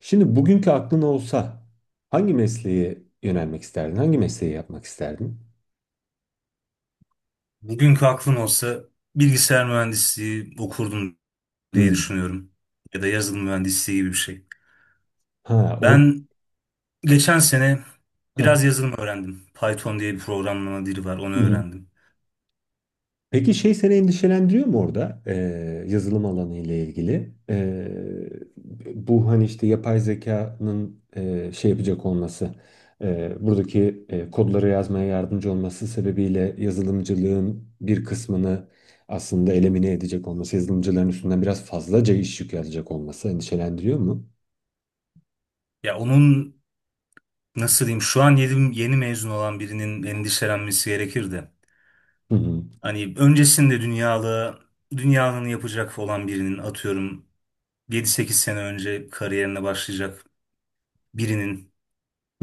Şimdi bugünkü aklın olsa hangi mesleğe yönelmek isterdin? Hangi mesleği yapmak isterdin? Bugünkü aklım olsa bilgisayar mühendisliği okurdum diye Hmm. düşünüyorum. Ya da yazılım mühendisliği gibi bir şey. Ha, orada. Ben geçen sene Ha. biraz yazılım öğrendim. Python diye bir programlama dili var, onu Hı. öğrendim. Peki şey seni endişelendiriyor mu orada? Yazılım alanı ile ilgili? Bu hani işte yapay zekanın şey yapacak olması, buradaki kodları yazmaya yardımcı olması sebebiyle yazılımcılığın bir kısmını aslında elimine edecek olması, yazılımcıların üstünden biraz fazlaca iş yükü alacak olması endişelendiriyor mu? Ya onun nasıl diyeyim şu an yeni, yeni mezun olan birinin endişelenmesi gerekir de. Hı hı. Hani öncesinde dünyalı, dünyanın yapacak olan birinin atıyorum 7-8 sene önce kariyerine başlayacak birinin.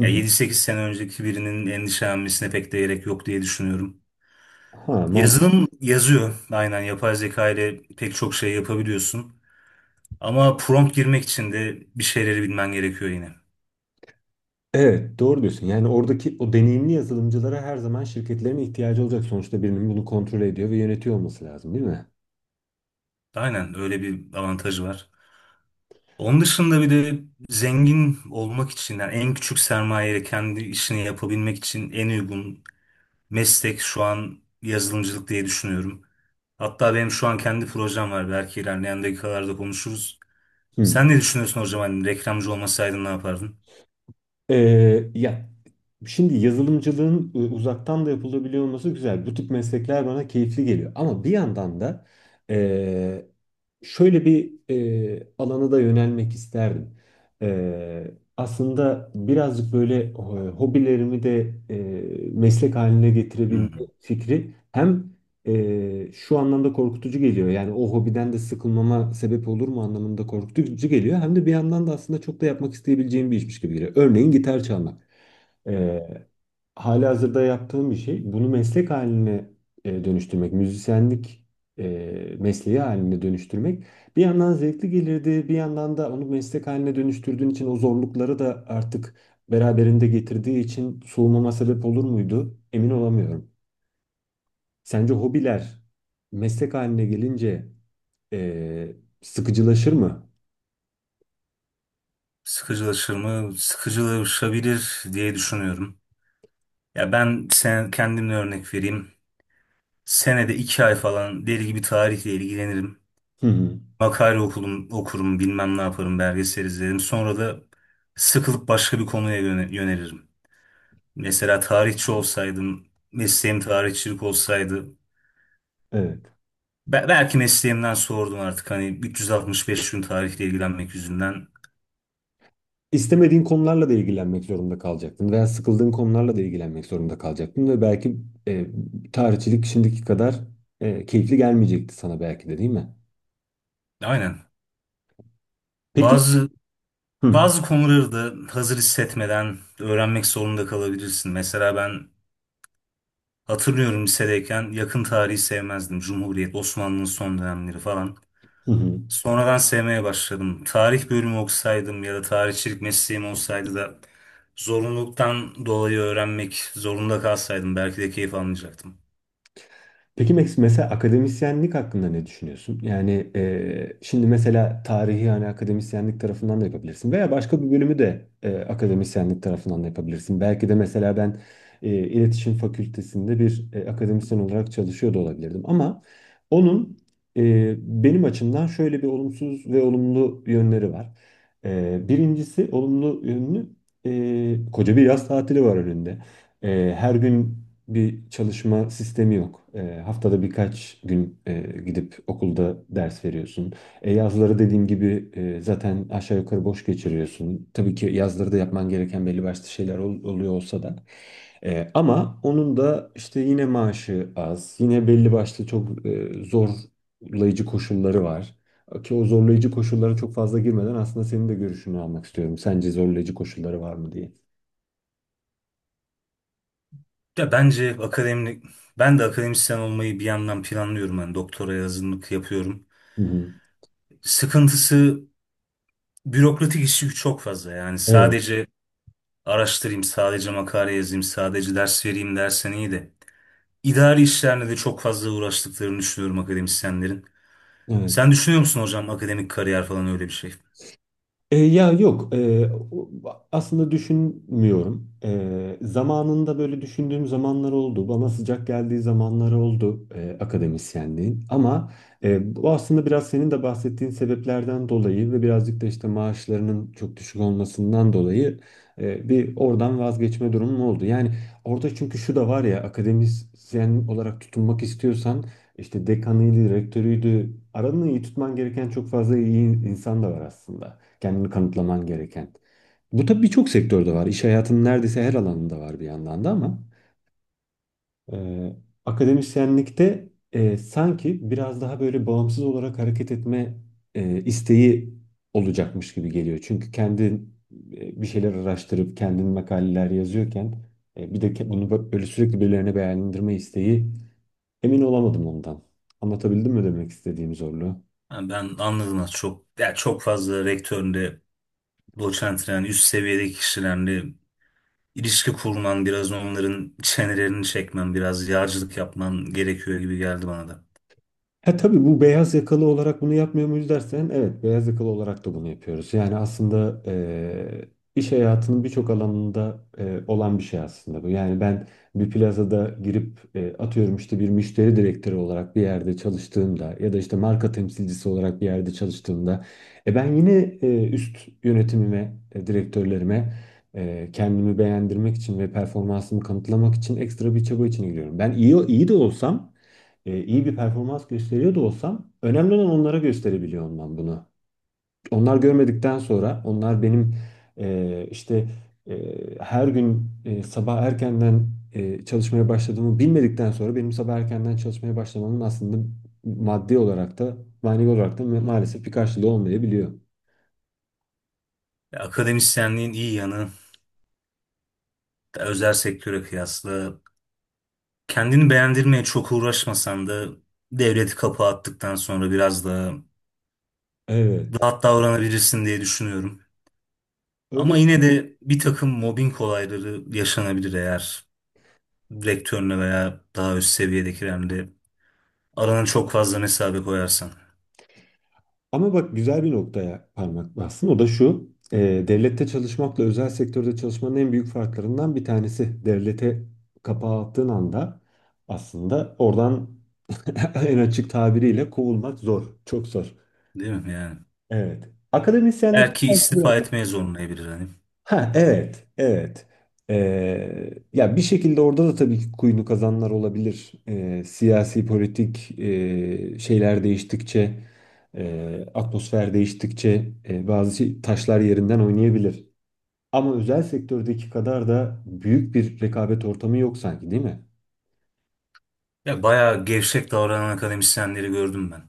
Hı hı. 7-8 sene önceki birinin endişelenmesine pek de gerek yok diye düşünüyorum. Ha, mantıklı. Yazılım yazıyor. Aynen yapay zeka ile pek çok şey yapabiliyorsun. Ama prompt girmek için de bir şeyleri bilmen gerekiyor yine. Evet, doğru diyorsun. Yani oradaki o deneyimli yazılımcılara her zaman şirketlerin ihtiyacı olacak. Sonuçta birinin bunu kontrol ediyor ve yönetiyor olması lazım, değil mi? Aynen öyle bir avantajı var. Onun dışında bir de zengin olmak için yani en küçük sermayeyle kendi işini yapabilmek için en uygun meslek şu an yazılımcılık diye düşünüyorum. Hatta benim şu an kendi projem var. Belki ilerleyen dakikalarda konuşuruz. Hı. Sen ne düşünüyorsun hocam? Hani reklamcı olmasaydın ne yapardın? Ya şimdi yazılımcılığın uzaktan da yapılabiliyor olması güzel. Bu tip meslekler bana keyifli geliyor. Ama bir yandan da e, şöyle bir alana da yönelmek isterdim. E, aslında birazcık böyle hobilerimi de meslek haline getirebilme Hmm. fikri hem şu anlamda korkutucu geliyor. Yani o hobiden de sıkılmama sebep olur mu anlamında korkutucu geliyor. Hem de bir yandan da aslında çok da yapmak isteyebileceğim bir işmiş gibi geliyor. Örneğin gitar çalmak. E, halihazırda yaptığım bir şey. Bunu meslek haline dönüştürmek, müzisyenlik e, mesleği haline dönüştürmek bir yandan zevkli gelirdi, bir yandan da onu meslek haline dönüştürdüğün için o zorlukları da artık beraberinde getirdiği için soğumama sebep olur muydu? Emin olamıyorum. Sence hobiler meslek haline gelince eee, sıkıcılaşır mı? Sıkıcılaşır mı? Sıkıcılaşabilir diye düşünüyorum. Ya ben kendimle örnek vereyim. Senede 2 ay falan deli gibi tarihle ilgilenirim. Hı hı. Makale okurum, bilmem ne yaparım, belgesel izlerim. Sonra da sıkılıp başka bir konuya yönelirim. Mesela tarihçi olsaydım, mesleğim tarihçilik olsaydı, Evet. Belki mesleğimden sordum artık hani 365 gün tarihle ilgilenmek yüzünden. İstemediğin konularla da ilgilenmek zorunda kalacaktın veya sıkıldığın konularla da ilgilenmek zorunda kalacaktın ve belki eee tarihçilik şimdiki kadar keyifli gelmeyecekti sana belki de, değil mi? Aynen. Peki. Bazı Hı. Bazı konuları da hazır hissetmeden öğrenmek zorunda kalabilirsin. Mesela ben hatırlıyorum lisedeyken yakın tarihi sevmezdim. Cumhuriyet, Osmanlı'nın son dönemleri falan. Hı hı. Sonradan sevmeye başladım. Tarih bölümü okusaydım ya da tarihçilik mesleğim olsaydı da zorunluluktan dolayı öğrenmek zorunda kalsaydım belki de keyif almayacaktım. Peki Max, mesela akademisyenlik hakkında ne düşünüyorsun? Yani şimdi mesela tarihi, yani akademisyenlik tarafından da yapabilirsin veya başka bir bölümü de akademisyenlik tarafından da yapabilirsin. Belki de mesela ben iletişim fakültesinde bir akademisyen olarak çalışıyor da olabilirdim, ama onun e, benim açımdan şöyle bir olumsuz ve olumlu yönleri var. Birincisi olumlu yönü, koca bir yaz tatili var önünde. Her gün bir çalışma sistemi yok. Haftada birkaç gün gidip okulda ders veriyorsun. Yazları dediğim gibi zaten aşağı yukarı boş geçiriyorsun. Tabii ki yazları da yapman gereken belli başlı şeyler oluyor olsa da. Ama onun da işte yine maaşı az, yine belli başlı çok zorlayıcı koşulları var. Ki o zorlayıcı koşullara çok fazla girmeden aslında senin de görüşünü almak istiyorum. Sence zorlayıcı koşulları var mı diye. Ya bence akademik, ben de akademisyen olmayı bir yandan planlıyorum. Yani doktora hazırlık yapıyorum. Hı hı. Sıkıntısı bürokratik işi çok fazla yani Evet. sadece araştırayım, sadece makale yazayım, sadece ders vereyim dersen iyi de. İdari işlerle de çok fazla uğraştıklarını düşünüyorum akademisyenlerin. Evet. Sen düşünüyor musun hocam akademik kariyer falan öyle bir şey? Ya yok, aslında düşünmüyorum. Zamanında böyle düşündüğüm zamanlar oldu. Bana sıcak geldiği zamanlar oldu akademisyenliğin. Ama bu aslında biraz senin de bahsettiğin sebeplerden dolayı ve birazcık da işte maaşlarının çok düşük olmasından dolayı bir oradan vazgeçme durumum oldu. Yani orada çünkü şu da var ya, akademisyen olarak tutunmak istiyorsan işte dekanıydı, rektörüydü. Aranı iyi tutman gereken çok fazla iyi insan da var aslında, kendini kanıtlaman gereken. Bu tabii birçok sektörde var. İş hayatının neredeyse her alanında var bir yandan da, ama e, akademisyenlikte sanki biraz daha böyle bağımsız olarak hareket etme isteği olacakmış gibi geliyor. Çünkü kendin bir şeyler araştırıp kendin makaleler yazıyorken bir de bunu böyle sürekli birilerine beğendirme isteği, emin olamadım ondan. Anlatabildim mi demek istediğim zorluğu? Ha, ben anladım az çok. Ya çok fazla rektörle, doçentle yani üst seviyedeki kişilerle ilişki kurman, biraz onların çenelerini çekmen, biraz yağcılık yapman gerekiyor gibi geldi bana da. Ha, tabii bu beyaz yakalı olarak bunu yapmıyor muyuz dersen, evet, beyaz yakalı olarak da bunu yapıyoruz. Yani aslında iş hayatının birçok alanında olan bir şey aslında bu. Yani ben bir plazada girip atıyorum işte bir müşteri direktörü olarak bir yerde çalıştığımda ya da işte marka temsilcisi olarak bir yerde çalıştığımda ben yine üst yönetimime, direktörlerime kendimi beğendirmek için ve performansımı kanıtlamak için ekstra bir çaba içine giriyorum. Ben iyi iyi de olsam, iyi bir performans gösteriyor da olsam önemli olan onlara gösterebiliyor olmam bunu. Onlar görmedikten sonra, onlar benim işte her gün sabah erkenden çalışmaya başladığımı bilmedikten sonra benim sabah erkenden çalışmaya başlamamın aslında maddi olarak da manevi olarak da maalesef bir karşılığı olmayabiliyor. Ya, akademisyenliğin iyi yanı özel sektöre kıyasla kendini beğendirmeye çok uğraşmasan da devleti kapı attıktan sonra biraz daha Evet. rahat davranabilirsin diye düşünüyorum. Ama Öyle. yine de bir takım mobbing olayları yaşanabilir eğer rektörüne veya daha üst seviyedekilerle arana çok fazla mesafe koyarsan. Ama bak, güzel bir noktaya parmak bastın. O da şu. Devlette çalışmakla özel sektörde çalışmanın en büyük farklarından bir tanesi. Devlete kapağı attığın anda aslında oradan en açık tabiriyle kovulmak zor. Çok zor. Değil mi yani? Evet. Akademisyenlik. Belki istifa etmeye zorlayabilir hani. Ha, evet, evet. Ya bir şekilde orada da tabii ki kuyunu kazanlar olabilir. Siyasi politik şeyler değiştikçe, atmosfer değiştikçe bazı taşlar yerinden oynayabilir. Ama özel sektördeki kadar da büyük bir rekabet ortamı yok sanki, değil mi? Ya bayağı gevşek davranan akademisyenleri gördüm ben.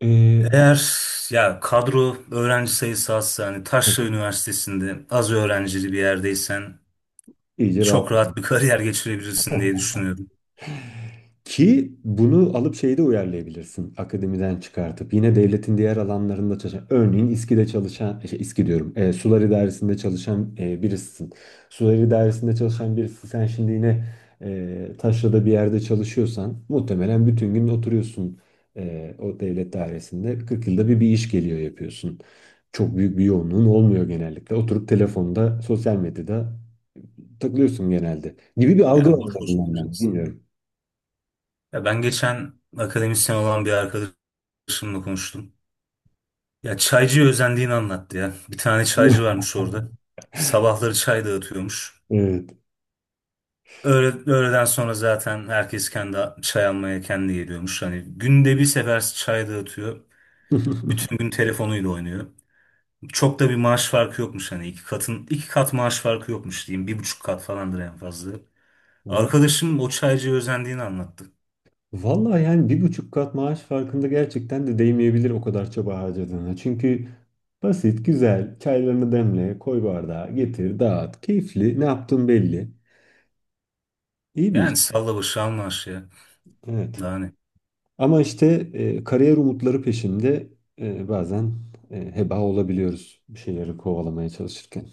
Ee, Eğer ya kadro öğrenci sayısı azsa hani Taşra Üniversitesi'nde az öğrencili bir yerdeysen İyice çok rahat. rahat bir kariyer geçirebilirsin diye düşünüyorum. Ki bunu alıp şeyde uyarlayabilirsin. Akademiden çıkartıp yine devletin diğer alanlarında çalışan, örneğin İSKİ'de çalışan, şey, İSKİ diyorum, sular idaresinde çalışan birisin. Sular idaresinde çalışan birisi, sen şimdi yine taşrada bir yerde çalışıyorsan muhtemelen bütün gün oturuyorsun o devlet dairesinde. 40 yılda bir bir iş geliyor yapıyorsun. Çok büyük bir yoğunluğun olmuyor genellikle. Oturup telefonda, sosyal medyada takılıyorsun genelde. Gibi bir algı var, Yani boş en boş azından, ben oturacaksın. bilmiyorum. Ya ben geçen akademisyen olan bir arkadaşımla konuştum. Ya çaycıya özendiğini anlattı ya. Bir tane çaycı varmış orada. Sabahları çay dağıtıyormuş. Evet. Öğle, öğleden sonra zaten herkes kendi çay almaya kendi geliyormuş. Hani günde bir sefer çay dağıtıyor. Bütün gün telefonuyla oynuyor. Çok da bir maaş farkı yokmuş hani iki katın iki kat maaş farkı yokmuş diyeyim. 1,5 kat falandır en fazla. Va- Arkadaşım o çaycıya özendiğini anlattı. Vallahi yani 1,5 kat maaş farkında gerçekten de değmeyebilir o kadar çaba harcadığına. Çünkü basit, güzel, çaylarını demle, koy bardağa, getir, dağıt, keyifli, ne yaptığın belli. İyi bir iş. Yani salla başı anlaş ya. Evet. Daha ne? Ama işte kariyer umutları peşinde bazen heba olabiliyoruz bir şeyleri kovalamaya çalışırken.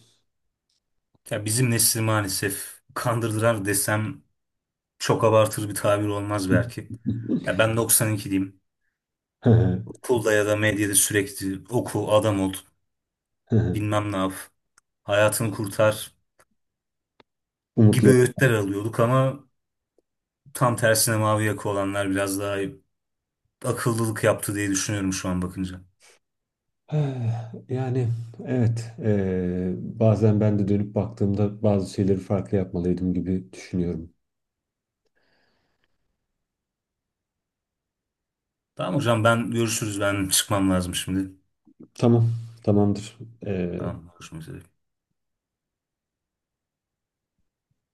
Ya bizim nesil maalesef kandırdılar desem çok abartır bir tabir olmaz belki. Ya ben 92'liyim. Okulda ya da medyada sürekli oku, adam ol, bilmem ne yap, hayatını kurtar gibi Umutları. öğütler alıyorduk ama tam tersine mavi yaka olanlar biraz daha akıllılık yaptı diye düşünüyorum şu an bakınca. Eh, yani evet, bazen ben de dönüp baktığımda bazı şeyleri farklı yapmalıydım gibi düşünüyorum. Tamam hocam ben görüşürüz ben çıkmam lazım şimdi. Tamam, tamamdır. Tamam görüşmek üzere.